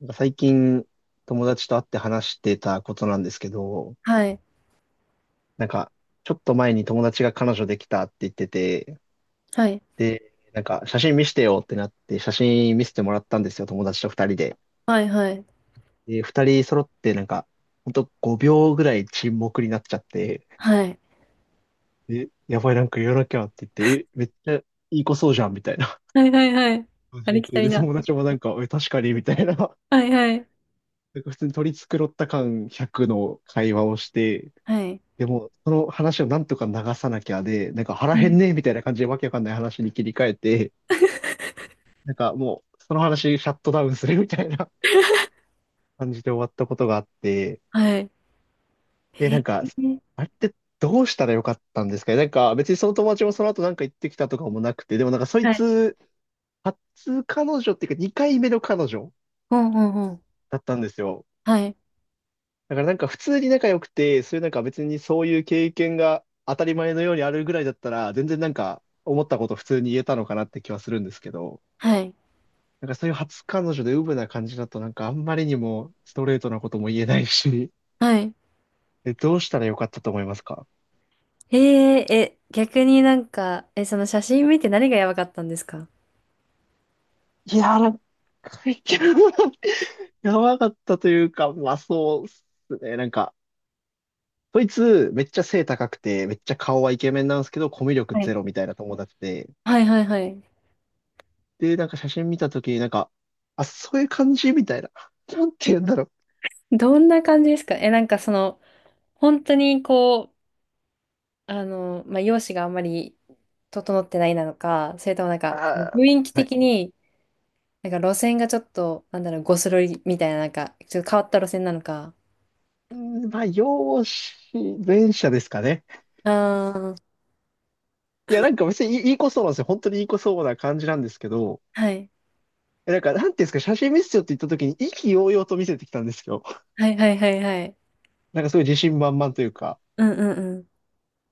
最近友達と会って話してたことなんですけど、はい。なんかちょっと前に友達が彼女できたって言ってて、はい。で、なんか写真見せてよってなって写真見せてもらったんですよ、友達と二人で。はい。はい。で、二人揃ってなんか、ほんと5秒ぐらい沈黙になっちゃって、はい。え、やばい、なんか言わなきゃって言って、え、めっちゃいい子そうじゃんみたいなはい。はい。はい。感ありじきたで、りで、な。友達もなんか、え、確かにみたいな、なはい。はい。んか普通に取り繕った感100の会話をして、はい。でも、その話をなんとか流さなきゃで、なんか腹は減んい。ねえみたいな感じでわけわかんない話に切り替えて、なんかもう、その話シャットダウンするみたいな 感じで終わったことがあって、はい。えで、なんか、ー、あれってどうしたらよかったんですかね。なんか、別にその友達もその後なんか行ってきたとかもなくて、でもなんかそいはい。つ、初彼女っていうか2回目の彼女うんうんうん。だったんですよ。はい。だからなんか普通に仲良くて、そういうなんか別にそういう経験が当たり前のようにあるぐらいだったら、全然なんか思ったこと普通に言えたのかなって気はするんですけど、はい。なんかそういう初彼女でウブな感じだとなんかあんまりにもストレートなことも言えないし、はい。え、どうしたらよかったと思いますか？ええ、逆になんか、え、その写真見て何がやばかったんですか？いやー、なんか、いや、やばかったというか、まあそうっすね。なんか、そいつめっちゃ背高くて、めっちゃ顔はイケメンなんですけど、コミュ力はい。ゼロみたいな友達で、はいはいはい。で、なんか写真見たときになんか、あ、そういう感じみたいな。なんて言うんだろう。どんな感じですか？え、なんかその、本当にこう、まあ、容姿があんまり整ってないなのか、それともなんあか、ー、雰囲気はい。的に、なんか路線がちょっと、なんだろう、ゴスロリみたいな、なんか、ちょっと変わった路線なのか。うーん、まあ、容姿、前者ですかね。ああ、いや、なんか別にいい、いい子そうなんですよ。本当にいい子そうな感じなんですけど、はい。え、なんか、なんていうんですか、写真見せてよって言ったときに意気揚々と見せてきたんですよ。はいはいはいはい。なんかそういう自信満々というか。うんうんう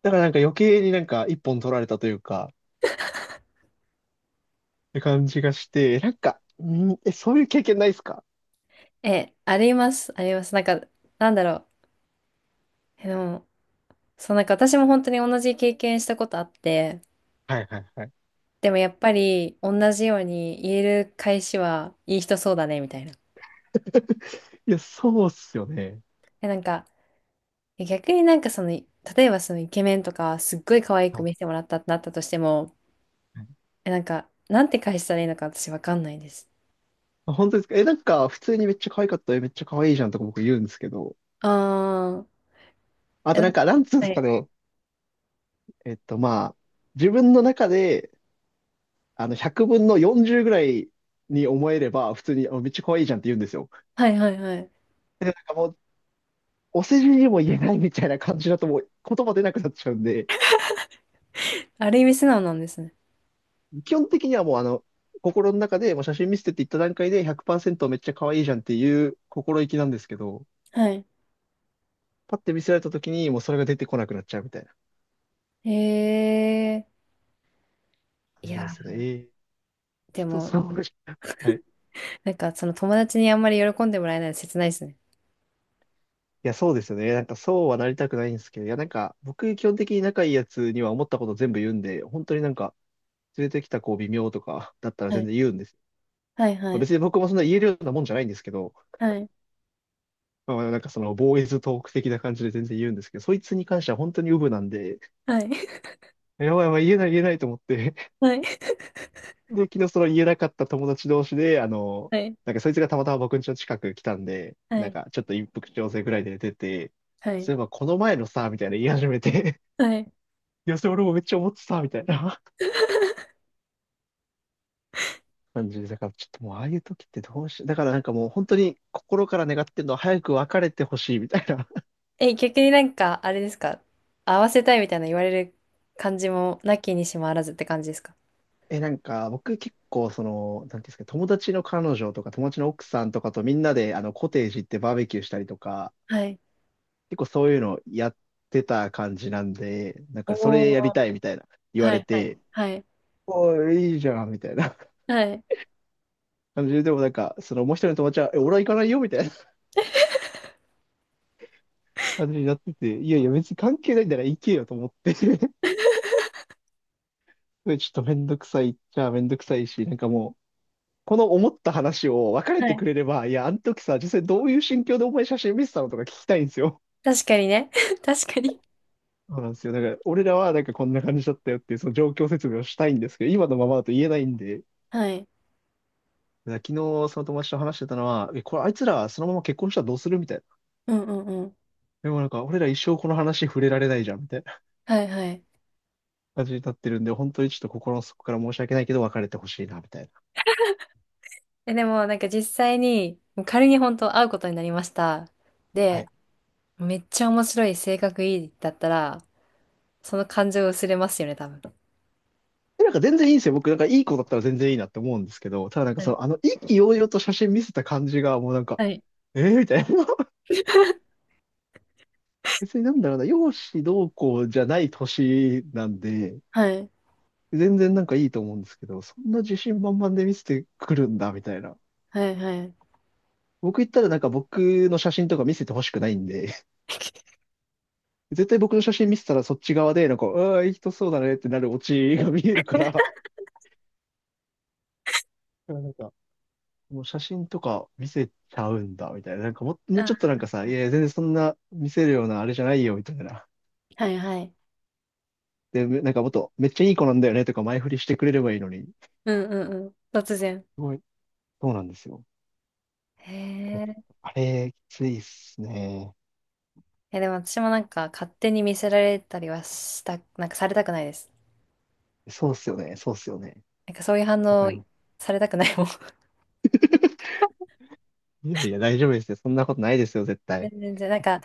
だからなんか余計になんか一本取られたというか、って感じがして、なんか、うん、え、そういう経験ないですか？ん。え、あります、あります。なんか、なんだろう。え、でも、そう、なんか私も本当に同じ経験したことあって、はいはいはい。でもやっぱり同じように言える返しはいい人そうだね、みたいな。いや、そうっすよね。え、なんか、え、逆になんかその、例えばそのイケメンとか、すっごい可愛いは子い。見せてもらったってなったとしても、え、なんか、なんて返したらいいのか私わかんないです。あ、本当ですか？え、なんか、普通にめっちゃ可愛かったよ。めっちゃ可愛いじゃんとか僕言うんですけど。ああ。あえ、なとんなんか、か、なんつうんではすかい。ね。えっと、まあ、自分の中で、あの、100分の40ぐらいに思えれば、普通に、あ、めっちゃ可愛いじゃんって言うんですよ。はいはいはい。で、なんかもう、お世辞にも言えないみたいな感じだともう言葉出なくなっちゃうんで、ある意味素直なんですね。基本的にはもうあの、心の中でもう写真見せてって言った段階で100%めっちゃ可愛いじゃんっていう心意気なんですけど、はい。パッて見せられた時にもうそれが出てこなくなっちゃうみたいなへえ。感いじなんでや、すよね。えー、で人も、それぞれ、はい。なんかその友達にあんまり喜んでもらえないの切ないですね。いや、そうですよね。なんかそうはなりたくないんですけど、いや、なんか僕基本的に仲いいやつには思ったこと全部言うんで、本当になんか連れてきた子微妙とか だったらは全い。然言うんです。はいはまあ、い。別に僕もそんな言えるようなもんじゃないんですけど、はい。まあ、まあなんかそのボーイズトーク的な感じで全然言うんですけど、そいつに関しては本当にウブなんで、はい。やばいやばい言えない言えないと思って、はい。で、昨日その言えなかった友達同士で、あの、はい。なんかそいつがたまたま僕ん家の近く来たんで、はなんい。かちょっと一服調整ぐらいで出て、はい。そういえばこの前のさ、みたいな言い始めて、はい。いや、それ俺もめっちゃ思ってた、みたいな 感じで、だからちょっともうああいう時ってどうし、だからなんかもう本当に心から願ってるのは早く別れてほしいみたいな え、逆になんか、あれですか？合わせたいみたいな言われる感じも、なきにしもあらずって感じですか？え、なんか僕結構その、なんていうんですか、友達の彼女とか友達の奥さんとかとみんなであのコテージ行ってバーベキューしたりとか、はい。結構そういうのやってた感じなんで、なんかそおれやりお、たいみたいな言わはれいはいて、はいおい、いいじゃんみたいなはい感じで、でもなんかそのもう一人の友達は、え、俺は行かないよみたいな感じになってて、いやいや別に関係ないんだから行けよと思って、それちょっとめんどくさいっちゃめんどくさいし、なんかもう、この思った話を別れはてい。くれれば、いや、あの時さ、実際どういう心境でお前写真見せたのとか聞きたいんですよ。確かにね。確かに。そうなんですよ。だから、俺らはなんかこんな感じだったよっていう、その状況説明をしたいんですけど、今のままだと言えないんで、だかはい。ら昨日その友達と話してたのは、え、これあいつらそのまま結婚したらどうするみたいな。うんうん。でもなんか、俺ら一生この話触れられないじゃん、みたいなはいはい。感じになってるんで、本当にちょっと心の底から申し訳ないけど、別れてほしいな、みたいな。え、でもなんか実際に、もう仮に本当会うことになりました。はで、い。めっちゃ面白い、性格いいだったら、その感情薄れますよね、多分。え、なんか全然いいんですよ。僕、なんかいい子だったら全然いいなって思うんですけど、ただなんかはそい。の、あの、意気揚々と写真見せた感じが、もうなんか、はい。えー、みたいな。別になんだろうな、容姿どうこうじゃない年なんで、はい、全然なんかいいと思うんですけど、そんな自信満々で見せてくるんだ、みたいな。はい、はい。僕言ったらなんか僕の写真とか見せてほしくないんで、絶対僕の写真見せたらそっち側で、なんか、ああー、いい人そうだねってなるオチが見えるから、なんか、もう写真とか見せちゃうんだ、みたいな。なんかも、もうちょっとあ、なんかさ、いやいや、全然そんな見せるようなあれじゃないよ、みたいな。はいはい。で、め、なんかもっと、めっちゃいい子なんだよね、とか前振りしてくれればいいのに。すうんうんうん。突然。ごい、そうなんですよ。へえ。あれ、きついっすね。いや、でも私もなんか勝手に見せられたりはした、なんかされたくないです。そうっすよね、そうっすよね。なんかそういう反わか応ります。されたくないもん。いやいや、大丈夫ですよ。そんなことないですよ、絶 対。全然、なんか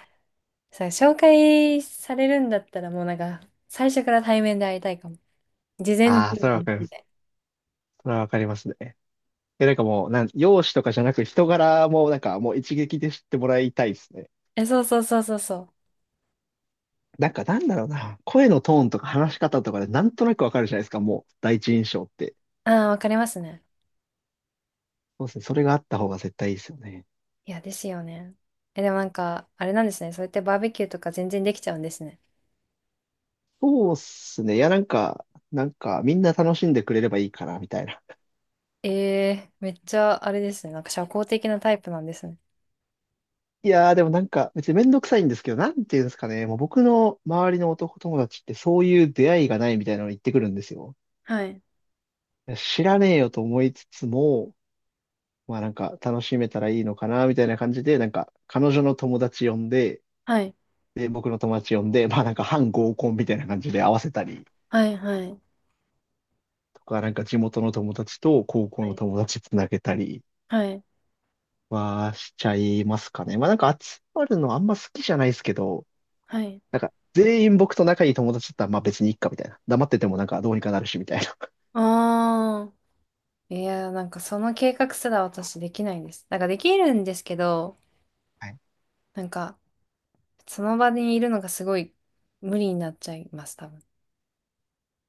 さ、紹介されるんだったらもうなんか最初から対面で会いたいかも。事前準ああ、そ備れはわかりまで、す。それはわかりますね。え、なんかもう、なん、容姿とかじゃなく、人柄も、なんかもう一撃で知ってもらいたいっすね。え、そうそうそうそうそう。なんかなんだろうな、声のトーンとか話し方とかでなんとなくわかるじゃないですか、もう第一印象って。ああ、わかりますね。そうですね、それがあった方が絶対いいですよね。いや、ですよね。え、でもなんか、あれなんですね。そうやってバーベキューとか全然できちゃうんですね。そうっすね、いやなんか、なんかみんな楽しんでくれればいいかな、みたいな。ええ、めっちゃあれですね。なんか社交的なタイプなんですね。いやーでもなんか別にめんどくさいんですけど、なんていうんですかね、もう僕の周りの男友達ってそういう出会いがないみたいなの言ってくるんですよ。はい。いや知らねえよと思いつつも、まあなんか楽しめたらいいのかな、みたいな感じで、なんか彼女の友達呼んで、はい。で、僕の友達呼んで、まあなんか半合コンみたいな感じで合わせたりはい。はい。とか、なんか地元の友達と高校はのい。友達つなげたりはい。はしちゃいますかね。まあなんか集まるのあんま好きじゃないですけど、はい。なんか全員僕と仲いい友達だったらまあ別にいっかみたいな。黙っててもなんかどうにかなるしみたいな。ああ。いや、なんかその計画すら私できないんです。なんかできるんですけど、はい。なんか、その場にいるのがすごい無理になっちゃいます、多分。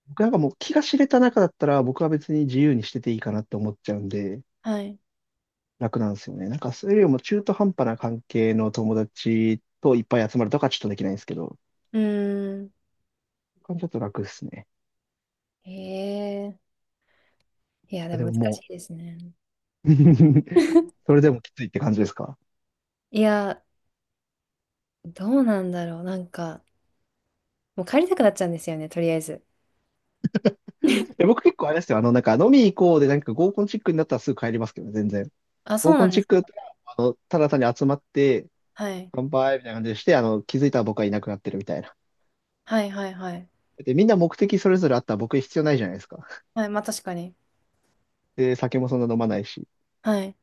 僕なんかもう気が知れた中だったら僕は別に自由にしてていいかなって思っちゃうんではい。楽なんですよね。なんかそれよりも中途半端な関係の友達といっぱい集まるとかちょっとできないんですけど、うーん。感じだと楽ですね。ええ、いや、あ、でもで難もも しいですね。それでもきついって感じですか？いや、どうなんだろう。なんか、もう帰りたくなっちゃうんですよね、とりあえず。え、僕結構あれですよ。あの、なんか飲み行こうで、なんか合コンチックになったらすぐ帰りますけどね、全然。あ、そ合うコなンんでチッす。クだったら、あの、ただ単に集まって、はい。乾杯みたいな感じでして、あの、気づいたら僕はいなくなってるみたいな。はいはいはい。で、みんな目的それぞれあったら僕必要ないじゃないですか。はい、まあ確かに。で、酒もそんな飲まないし、はい。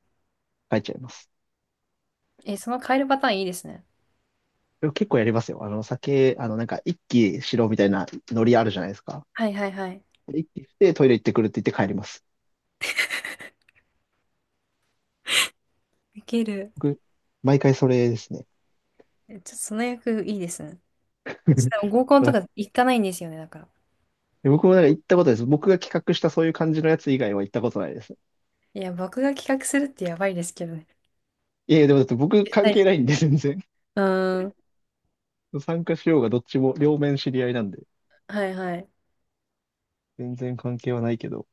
帰っちゃいます。え、その帰るパターンいいですね。でも結構やりますよ。あの、酒、あの、なんか一気しろみたいなノリあるじゃないですか。はいはいはい。一気してトイレ行ってくるって言って帰ります。いける。僕、毎回それですね。え、ちょっとその役いいですね。ちょっと 合コンとか行かないんですよね、だから。で僕もなんか行ったことないです。僕が企画したそういう感じのやつ以外は行ったことないです。いや、僕が企画するってやばいですけどね。いやいや、でもだって僕絶関対係し、ないんで、全然。うーん。参加しようがどっちも両面知り合いなんで、はいはい。全然関係はないけど。